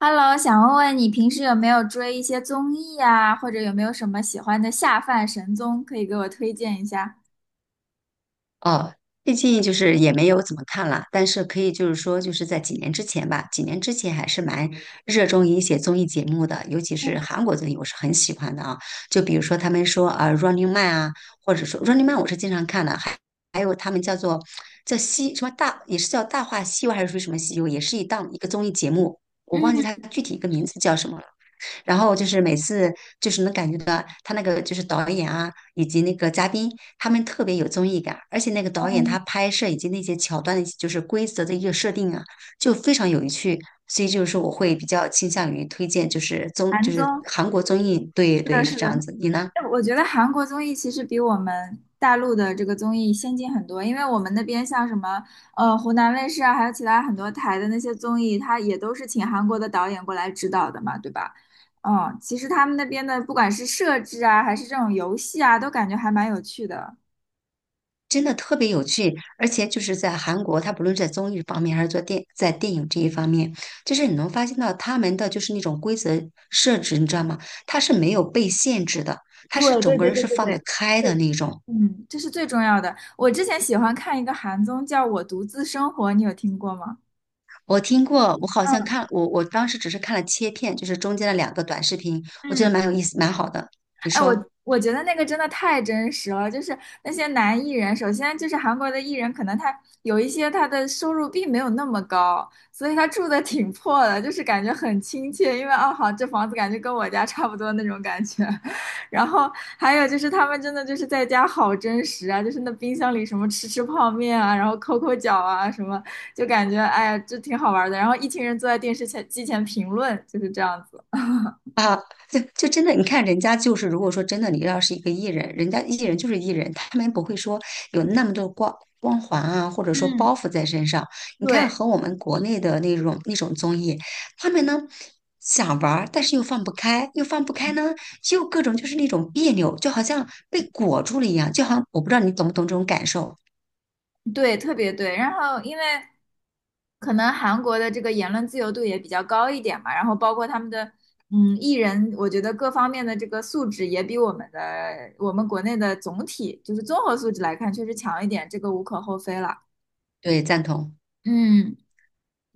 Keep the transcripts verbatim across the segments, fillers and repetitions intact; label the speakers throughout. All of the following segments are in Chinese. Speaker 1: Hello，想问问你平时有没有追一些综艺啊，或者有没有什么喜欢的下饭神综，可以给我推荐一下？
Speaker 2: 哦，最近就是也没有怎么看了，但是可以就是说，就是在几年之前吧，几年之前还是蛮热衷于一些综艺节目的，尤其是韩国综艺，我是很喜欢的啊。就比如说他们说呃《Running Man》啊，或者说《Running Man》,我是经常看的，还还有他们叫做叫西什么大，也是叫《大话西游》还是说什么西游，也是一档一个综艺节目，我忘记
Speaker 1: 嗯
Speaker 2: 它具体一个名字叫什么了。然后就是每次就是能感觉到他那个就是导演啊，以及那个嘉宾，他们特别有综艺感，而且那个导演
Speaker 1: 嗯，
Speaker 2: 他拍摄以及那些桥段的，就是规则的一个设定啊，就非常有趣。所以就是我会比较倾向于推荐，就是综，
Speaker 1: 韩
Speaker 2: 就是
Speaker 1: 综，
Speaker 2: 韩国综艺，对
Speaker 1: 是
Speaker 2: 对
Speaker 1: 的，
Speaker 2: 是
Speaker 1: 是
Speaker 2: 这样
Speaker 1: 的。
Speaker 2: 子。你呢？
Speaker 1: 哎我觉得韩国综艺其实比我们大陆的这个综艺先进很多，因为我们那边像什么呃湖南卫视啊，还有其他很多台的那些综艺，它也都是请韩国的导演过来指导的嘛，对吧？嗯，其实他们那边的不管是设置啊，还是这种游戏啊，都感觉还蛮有趣的。
Speaker 2: 真的特别有趣，而且就是在韩国，他不论是在综艺方面还是做电在电影这一方面，就是你能发现到他们的就是那种规则设置，你知道吗？他是没有被限制的，他是
Speaker 1: 对
Speaker 2: 整
Speaker 1: 对
Speaker 2: 个
Speaker 1: 对
Speaker 2: 人
Speaker 1: 对对
Speaker 2: 是
Speaker 1: 对
Speaker 2: 放得
Speaker 1: 对，
Speaker 2: 开的那种。
Speaker 1: 嗯，这是最重要的。我之前喜欢看一个韩综，叫《我独自生活》，你有听过吗？
Speaker 2: 我听过，我好像看
Speaker 1: 嗯
Speaker 2: 我我当时只是看了切片，就是中间的两个短视频，我觉
Speaker 1: 嗯，
Speaker 2: 得蛮有意思，蛮好的。你
Speaker 1: 哎，我
Speaker 2: 说？
Speaker 1: 我觉得那个真的太真实了，就是那些男艺人，首先就是韩国的艺人，可能他有一些他的收入并没有那么高，所以他住的挺破的，就是感觉很亲切，因为哦好，这房子感觉跟我家差不多那种感觉。然后还有就是他们真的就是在家好真实啊，就是那冰箱里什么吃吃泡面啊，然后抠抠脚啊什么，就感觉哎呀这挺好玩的。然后一群人坐在电视前机前评论，就是这样子。
Speaker 2: 啊，就就真的，你看人家就是，如果说真的，你要是一个艺人，人家艺人就是艺人，他们不会说有那么多光光环啊，或者说
Speaker 1: 嗯，
Speaker 2: 包袱在身上。你看
Speaker 1: 对，
Speaker 2: 和我们国内的那种那种综艺，他们呢想玩儿，但是又放不开，又放不开呢，又各种就是那种别扭，就好像被裹住了一样，就好像我不知道你懂不懂这种感受。
Speaker 1: 对，特别对。然后，因为可能韩国的这个言论自由度也比较高一点嘛，然后包括他们的嗯艺人，我觉得各方面的这个素质也比我们的我们国内的总体就是综合素质来看，确实强一点，这个无可厚非了。
Speaker 2: 对，赞同。
Speaker 1: 嗯，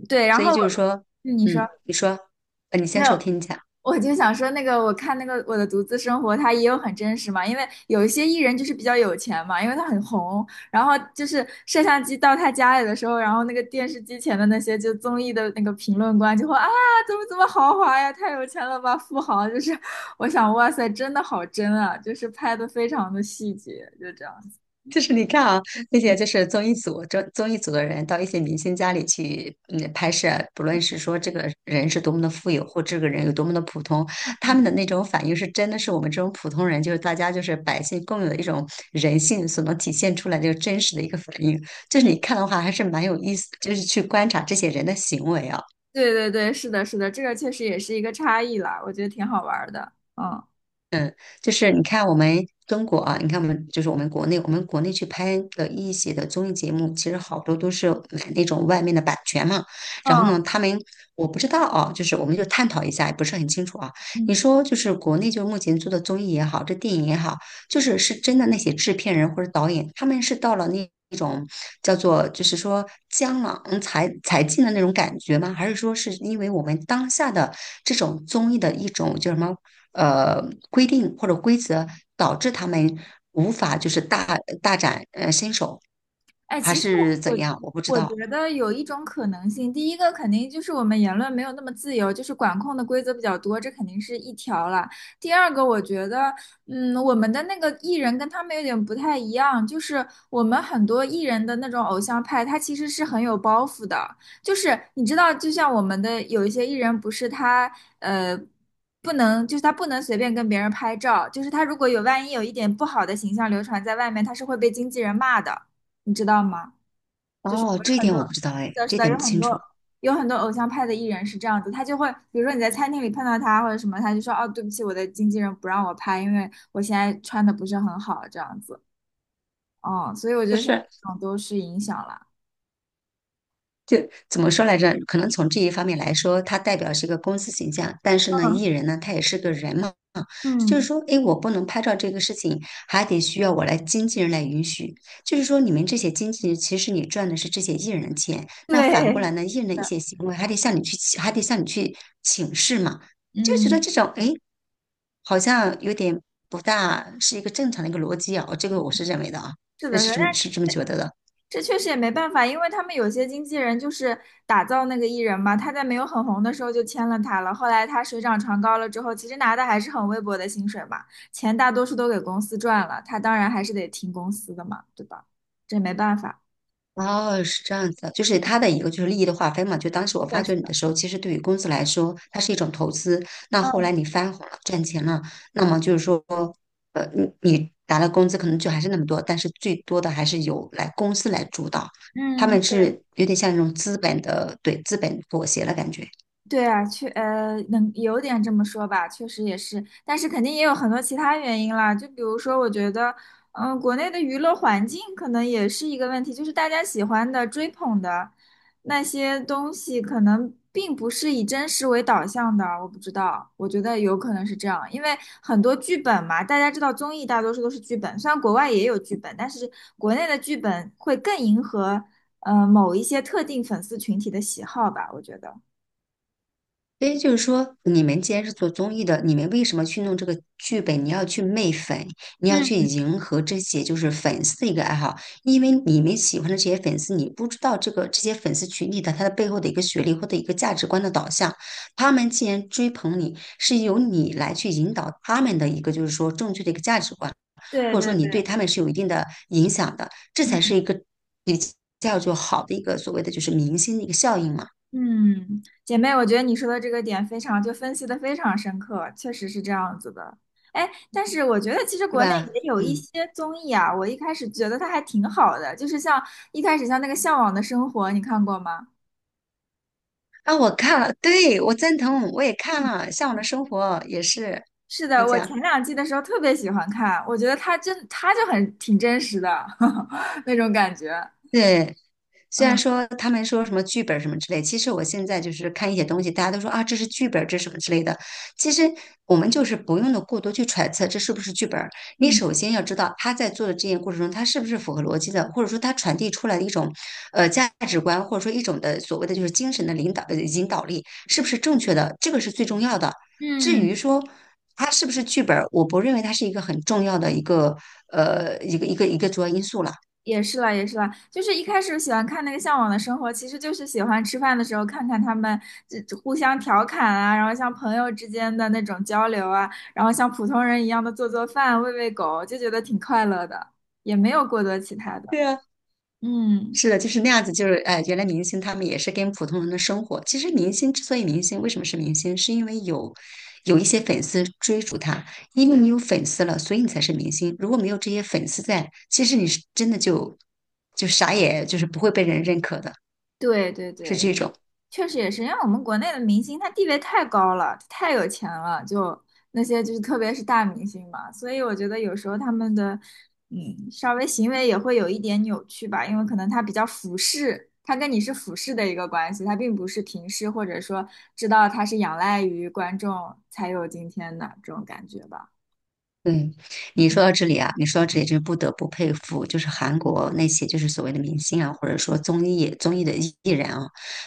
Speaker 1: 对。然
Speaker 2: 所
Speaker 1: 后
Speaker 2: 以就是
Speaker 1: 我
Speaker 2: 说，
Speaker 1: 嗯你说
Speaker 2: 嗯，你说，呃，你
Speaker 1: 没
Speaker 2: 先
Speaker 1: 有？
Speaker 2: 说，我听一下。
Speaker 1: 我就想说，那个我看那个《我的独自生活》，它也有很真实嘛，因为有一些艺人就是比较有钱嘛，因为他很红，然后就是摄像机到他家里的时候，然后那个电视机前的那些就综艺的那个评论官就会啊，怎么怎么豪华呀，太有钱了吧，富豪，就是我想，哇塞，真的好真啊，就是拍的非常的细节，就这样子。
Speaker 2: 就是你看啊，那些就是综艺组、综综艺组的人到一些明星家里去，嗯，拍摄，不论是说这个人是多么的富有，或这个人有多么的普通，他们
Speaker 1: 嗯
Speaker 2: 的那种反应是真的是我们这种普通人，就是大家就是百姓共有的一种人性所能体现出来的真实的一个反应。就是你
Speaker 1: 嗯，
Speaker 2: 看的话，还是蛮有意思，就是去观察这些人的行为啊。
Speaker 1: 对对对，是的，是的，这个确实也是一个差异啦，我觉得挺好玩儿的。嗯
Speaker 2: 就是你看我们中国啊，你看我们就是我们国内，我们国内去拍的一些的综艺节目，其实好多都是买那种外面的版权嘛。然后
Speaker 1: 嗯
Speaker 2: 呢，他们我不知道啊，就是我们就探讨一下，也不是很清楚啊。你说就是国内就目前做的综艺也好，这电影也好，就是是真的那些制片人或者导演，他们是到了那那种叫做就是说江郎才才尽的那种感觉吗？还是说是因为我们当下的这种综艺的一种叫什么呃规定或者规则，导致他们无法就是大大展呃身手，
Speaker 1: 哎，
Speaker 2: 还
Speaker 1: 其实
Speaker 2: 是怎
Speaker 1: 我
Speaker 2: 样？我不知
Speaker 1: 我
Speaker 2: 道。
Speaker 1: 觉得有一种可能性，第一个肯定就是我们言论没有那么自由，就是管控的规则比较多，这肯定是一条了。第二个，我觉得，嗯，我们的那个艺人跟他们有点不太一样，就是我们很多艺人的那种偶像派，他其实是很有包袱的，就是你知道，就像我们的有一些艺人，不是他呃。不能，就是他不能随便跟别人拍照，就是他如果有万一有一点不好的形象流传在外面，他是会被经纪人骂的。你知道吗？就是
Speaker 2: 哦，
Speaker 1: 我们有
Speaker 2: 这一
Speaker 1: 很
Speaker 2: 点
Speaker 1: 多，
Speaker 2: 我不知道
Speaker 1: 是
Speaker 2: 哎，
Speaker 1: 的，是
Speaker 2: 这一
Speaker 1: 的，
Speaker 2: 点
Speaker 1: 有
Speaker 2: 不
Speaker 1: 很
Speaker 2: 清楚。
Speaker 1: 多有很多偶像派的艺人是这样子，他就会，比如说你在餐厅里碰到他或者什么，他就说，哦，对不起，我的经纪人不让我拍，因为我现在穿的不是很好，这样子。嗯，所以我觉
Speaker 2: 不
Speaker 1: 得像
Speaker 2: 是，
Speaker 1: 这种都是影响了，
Speaker 2: 就怎么说来着？可能从这一方面来说，它代表是一个公司形象，但是呢，艺
Speaker 1: 嗯
Speaker 2: 人呢，他也是个人嘛。就是
Speaker 1: 嗯，
Speaker 2: 说，哎，我不能拍照这个事情，还得需要我来经纪人来允许。就是说，你们这些经纪人，其实你赚的是这些艺人的钱，那反过来
Speaker 1: 对，
Speaker 2: 呢，艺人的一些行为还得向你去还得向你去请示嘛，就觉得
Speaker 1: 嗯，
Speaker 2: 这种，哎，好像有点不大是一个正常的一个逻辑啊，这个我是认为的啊，
Speaker 1: 是
Speaker 2: 那
Speaker 1: 的，是
Speaker 2: 是
Speaker 1: 的
Speaker 2: 这么是这么觉得的。
Speaker 1: 这确实也没办法，因为他们有些经纪人就是打造那个艺人嘛，他在没有很红的时候就签了他了，后来他水涨船高了之后，其实拿的还是很微薄的薪水嘛，钱大多数都给公司赚了，他当然还是得听公司的嘛，对吧？这没办法。
Speaker 2: 哦，是这样子的，就是它的一个就是利益的划分嘛。就当时我
Speaker 1: 是
Speaker 2: 发
Speaker 1: 的，是
Speaker 2: 掘你
Speaker 1: 的
Speaker 2: 的时候，其实对于公司来说，它是一种投资。那后来
Speaker 1: 嗯
Speaker 2: 你翻红了，赚钱了，那么就是说，呃，你你拿的工资可能就还是那么多，但是最多的还是由来公司来主导，他
Speaker 1: 嗯，
Speaker 2: 们
Speaker 1: 对。
Speaker 2: 是有点像那种资本的，对，资本妥协了感觉。
Speaker 1: 对啊，确呃，能有点这么说吧，确实也是，但是肯定也有很多其他原因啦，就比如说，我觉得，嗯、国内的娱乐环境可能也是一个问题，就是大家喜欢的、追捧的那些东西，可能并不是以真实为导向的，我不知道，我觉得有可能是这样，因为很多剧本嘛，大家知道综艺大多数都是剧本，虽然国外也有剧本，但是国内的剧本会更迎合呃某一些特定粉丝群体的喜好吧，我觉得。
Speaker 2: 所以就是说，你们既然是做综艺的，你们为什么去弄这个剧本？你要去媚粉，你要去
Speaker 1: 嗯。
Speaker 2: 迎合这些就是粉丝的一个爱好，因为你们喜欢的这些粉丝，你不知道这个这些粉丝群体的他的背后的一个学历或者一个价值观的导向，他们既然追捧你，是由你来去引导他们的一个就是说正确的一个价值观，
Speaker 1: 对
Speaker 2: 或者说
Speaker 1: 对
Speaker 2: 你
Speaker 1: 对，
Speaker 2: 对他们是有一定的影响的，这
Speaker 1: 嗯
Speaker 2: 才是一个比较就好的一个所谓的就是明星的一个效应嘛，
Speaker 1: 嗯，姐妹，我觉得你说的这个点非常，就分析的非常深刻，确实是这样子的。哎，但是我觉得其实
Speaker 2: 对
Speaker 1: 国内
Speaker 2: 吧？
Speaker 1: 也有一
Speaker 2: 嗯。
Speaker 1: 些综艺啊，我一开始觉得它还挺好的，就是像一开始像那个《向往的生活》，你看过吗？
Speaker 2: 啊，我看了，对，我赞同，我也看
Speaker 1: 嗯
Speaker 2: 了《向往的
Speaker 1: 嗯
Speaker 2: 生活》，也是，
Speaker 1: 是
Speaker 2: 你
Speaker 1: 的，我
Speaker 2: 讲，
Speaker 1: 前两季的时候特别喜欢看，我觉得它真，它就很挺真实的 那种感觉。
Speaker 2: 对。虽然
Speaker 1: 嗯
Speaker 2: 说他们说什么剧本什么之类，其实我现在就是看一些东西，大家都说啊，这是剧本这是什么之类的。其实我们就是不用的过多去揣测这是不是剧本儿。你
Speaker 1: 嗯，
Speaker 2: 首先要知道他在做的这件过程中，他是不是符合逻辑的，或者说他传递出来的一种呃价值观，或者说一种的所谓的就是精神的领导呃引导力是不是正确的，这个是最重要的。至于
Speaker 1: 嗯，
Speaker 2: 说它是不是剧本儿，我不认为它是一个很重要的一个呃一个一个一个主要因素了。
Speaker 1: 也是啦，也是啦，就是一开始喜欢看那个《向往的生活》，其实就是喜欢吃饭的时候看看他们这这互相调侃啊，然后像朋友之间的那种交流啊，然后像普通人一样的做做饭、喂喂狗，就觉得挺快乐的，也没有过多其他的。
Speaker 2: 对啊。
Speaker 1: 嗯，
Speaker 2: 是的，就是那样子，就是哎，呃原来明星他们也是跟普通人的生活。其实明星之所以明星，为什么是明星？是因为有有一些粉丝追逐他，因为你有粉丝了，所以你才是明星。如果没有这些粉丝在，其实你是真的就就啥也就是不会被人认可的，
Speaker 1: 对对
Speaker 2: 是
Speaker 1: 对，
Speaker 2: 这种。
Speaker 1: 确实也是，因为我们国内的明星他地位太高了，他太有钱了，就那些就是特别是大明星嘛，所以我觉得有时候他们的嗯稍微行为也会有一点扭曲吧，因为可能他比较俯视，他跟你是俯视的一个关系，他并不是平视或者说知道他是仰赖于观众才有今天的这种感觉吧。
Speaker 2: 嗯，你
Speaker 1: 嗯
Speaker 2: 说到这里啊，你说到这里，就是不得不佩服，就是韩国那些就是所谓的明星啊，或者说综艺综艺的艺艺人啊，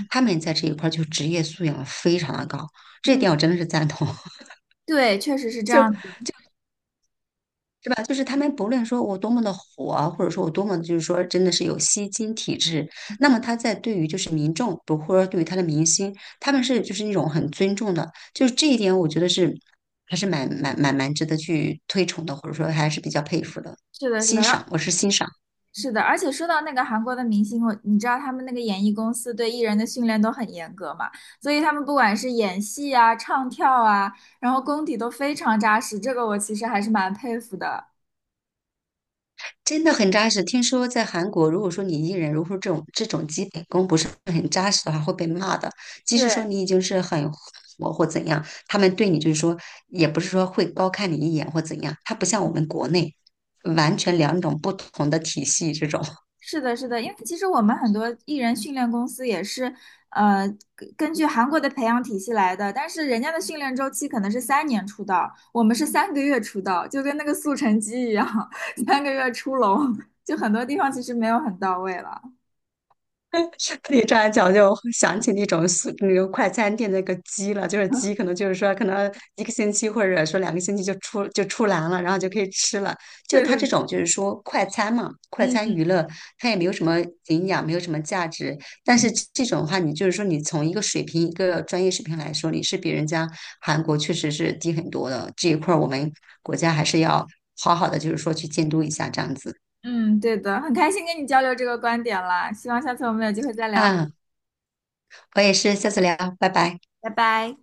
Speaker 2: 他们在这一块儿就职业素养非常的高，这一
Speaker 1: 嗯，
Speaker 2: 点我真的是赞同。
Speaker 1: 对，确实是这样
Speaker 2: 就
Speaker 1: 子。
Speaker 2: 是吧？就是他们不论说我多么的火啊，或者说我多么就是说真的是有吸金体质，那么他在对于就是民众，不或者对于他的明星，他们是就是那种很尊重的，就是这一点我觉得是还是蛮蛮蛮蛮值得去推崇的，或者说还是比较佩服的，
Speaker 1: 是的，是的。
Speaker 2: 欣
Speaker 1: 然
Speaker 2: 赏，
Speaker 1: 后。
Speaker 2: 我是欣赏。
Speaker 1: 是的，而且说到那个韩国的明星，我你知道他们那个演艺公司对艺人的训练都很严格嘛，所以他们不管是演戏啊、唱跳啊，然后功底都非常扎实，这个我其实还是蛮佩服的。
Speaker 2: 真的很扎实。听说在韩国，如果说你艺人如果说这种这种基本功不是很扎实的话，会被骂的。即使
Speaker 1: 对，
Speaker 2: 说你已经是很火或怎样，他们对你就是说，也不是说会高看你一眼或怎样。他不像我们国内，完全两种不同的体系这种。
Speaker 1: 是的，是的，因为其实我们很多艺人训练公司也是，呃，根根据韩国的培养体系来的，但是人家的训练周期可能是三年出道，我们是三个月出道，就跟那个速成鸡一样，三个月出笼，就很多地方其实没有很到位了。
Speaker 2: 你这样讲，就想起那种速那个快餐店的那个鸡了，就是鸡，可能就是说，可能一个星期或者说两个星期就出就出栏了，然后就可以吃了。就
Speaker 1: 对
Speaker 2: 它
Speaker 1: 对
Speaker 2: 这
Speaker 1: 对。
Speaker 2: 种就是说快餐嘛，快餐娱乐，它也没有什么营养，没有什么价值。但是这这种的话，你就是说，你从一个水平、一个专业水平来说，你是比人家韩国确实是低很多的。这一块儿我们国家还是要好好的，就是说去监督一下这样子。
Speaker 1: 嗯，对的，很开心跟你交流这个观点啦，希望下次我们有机会再聊，
Speaker 2: 嗯，我也是，下次聊，拜拜。
Speaker 1: 拜拜。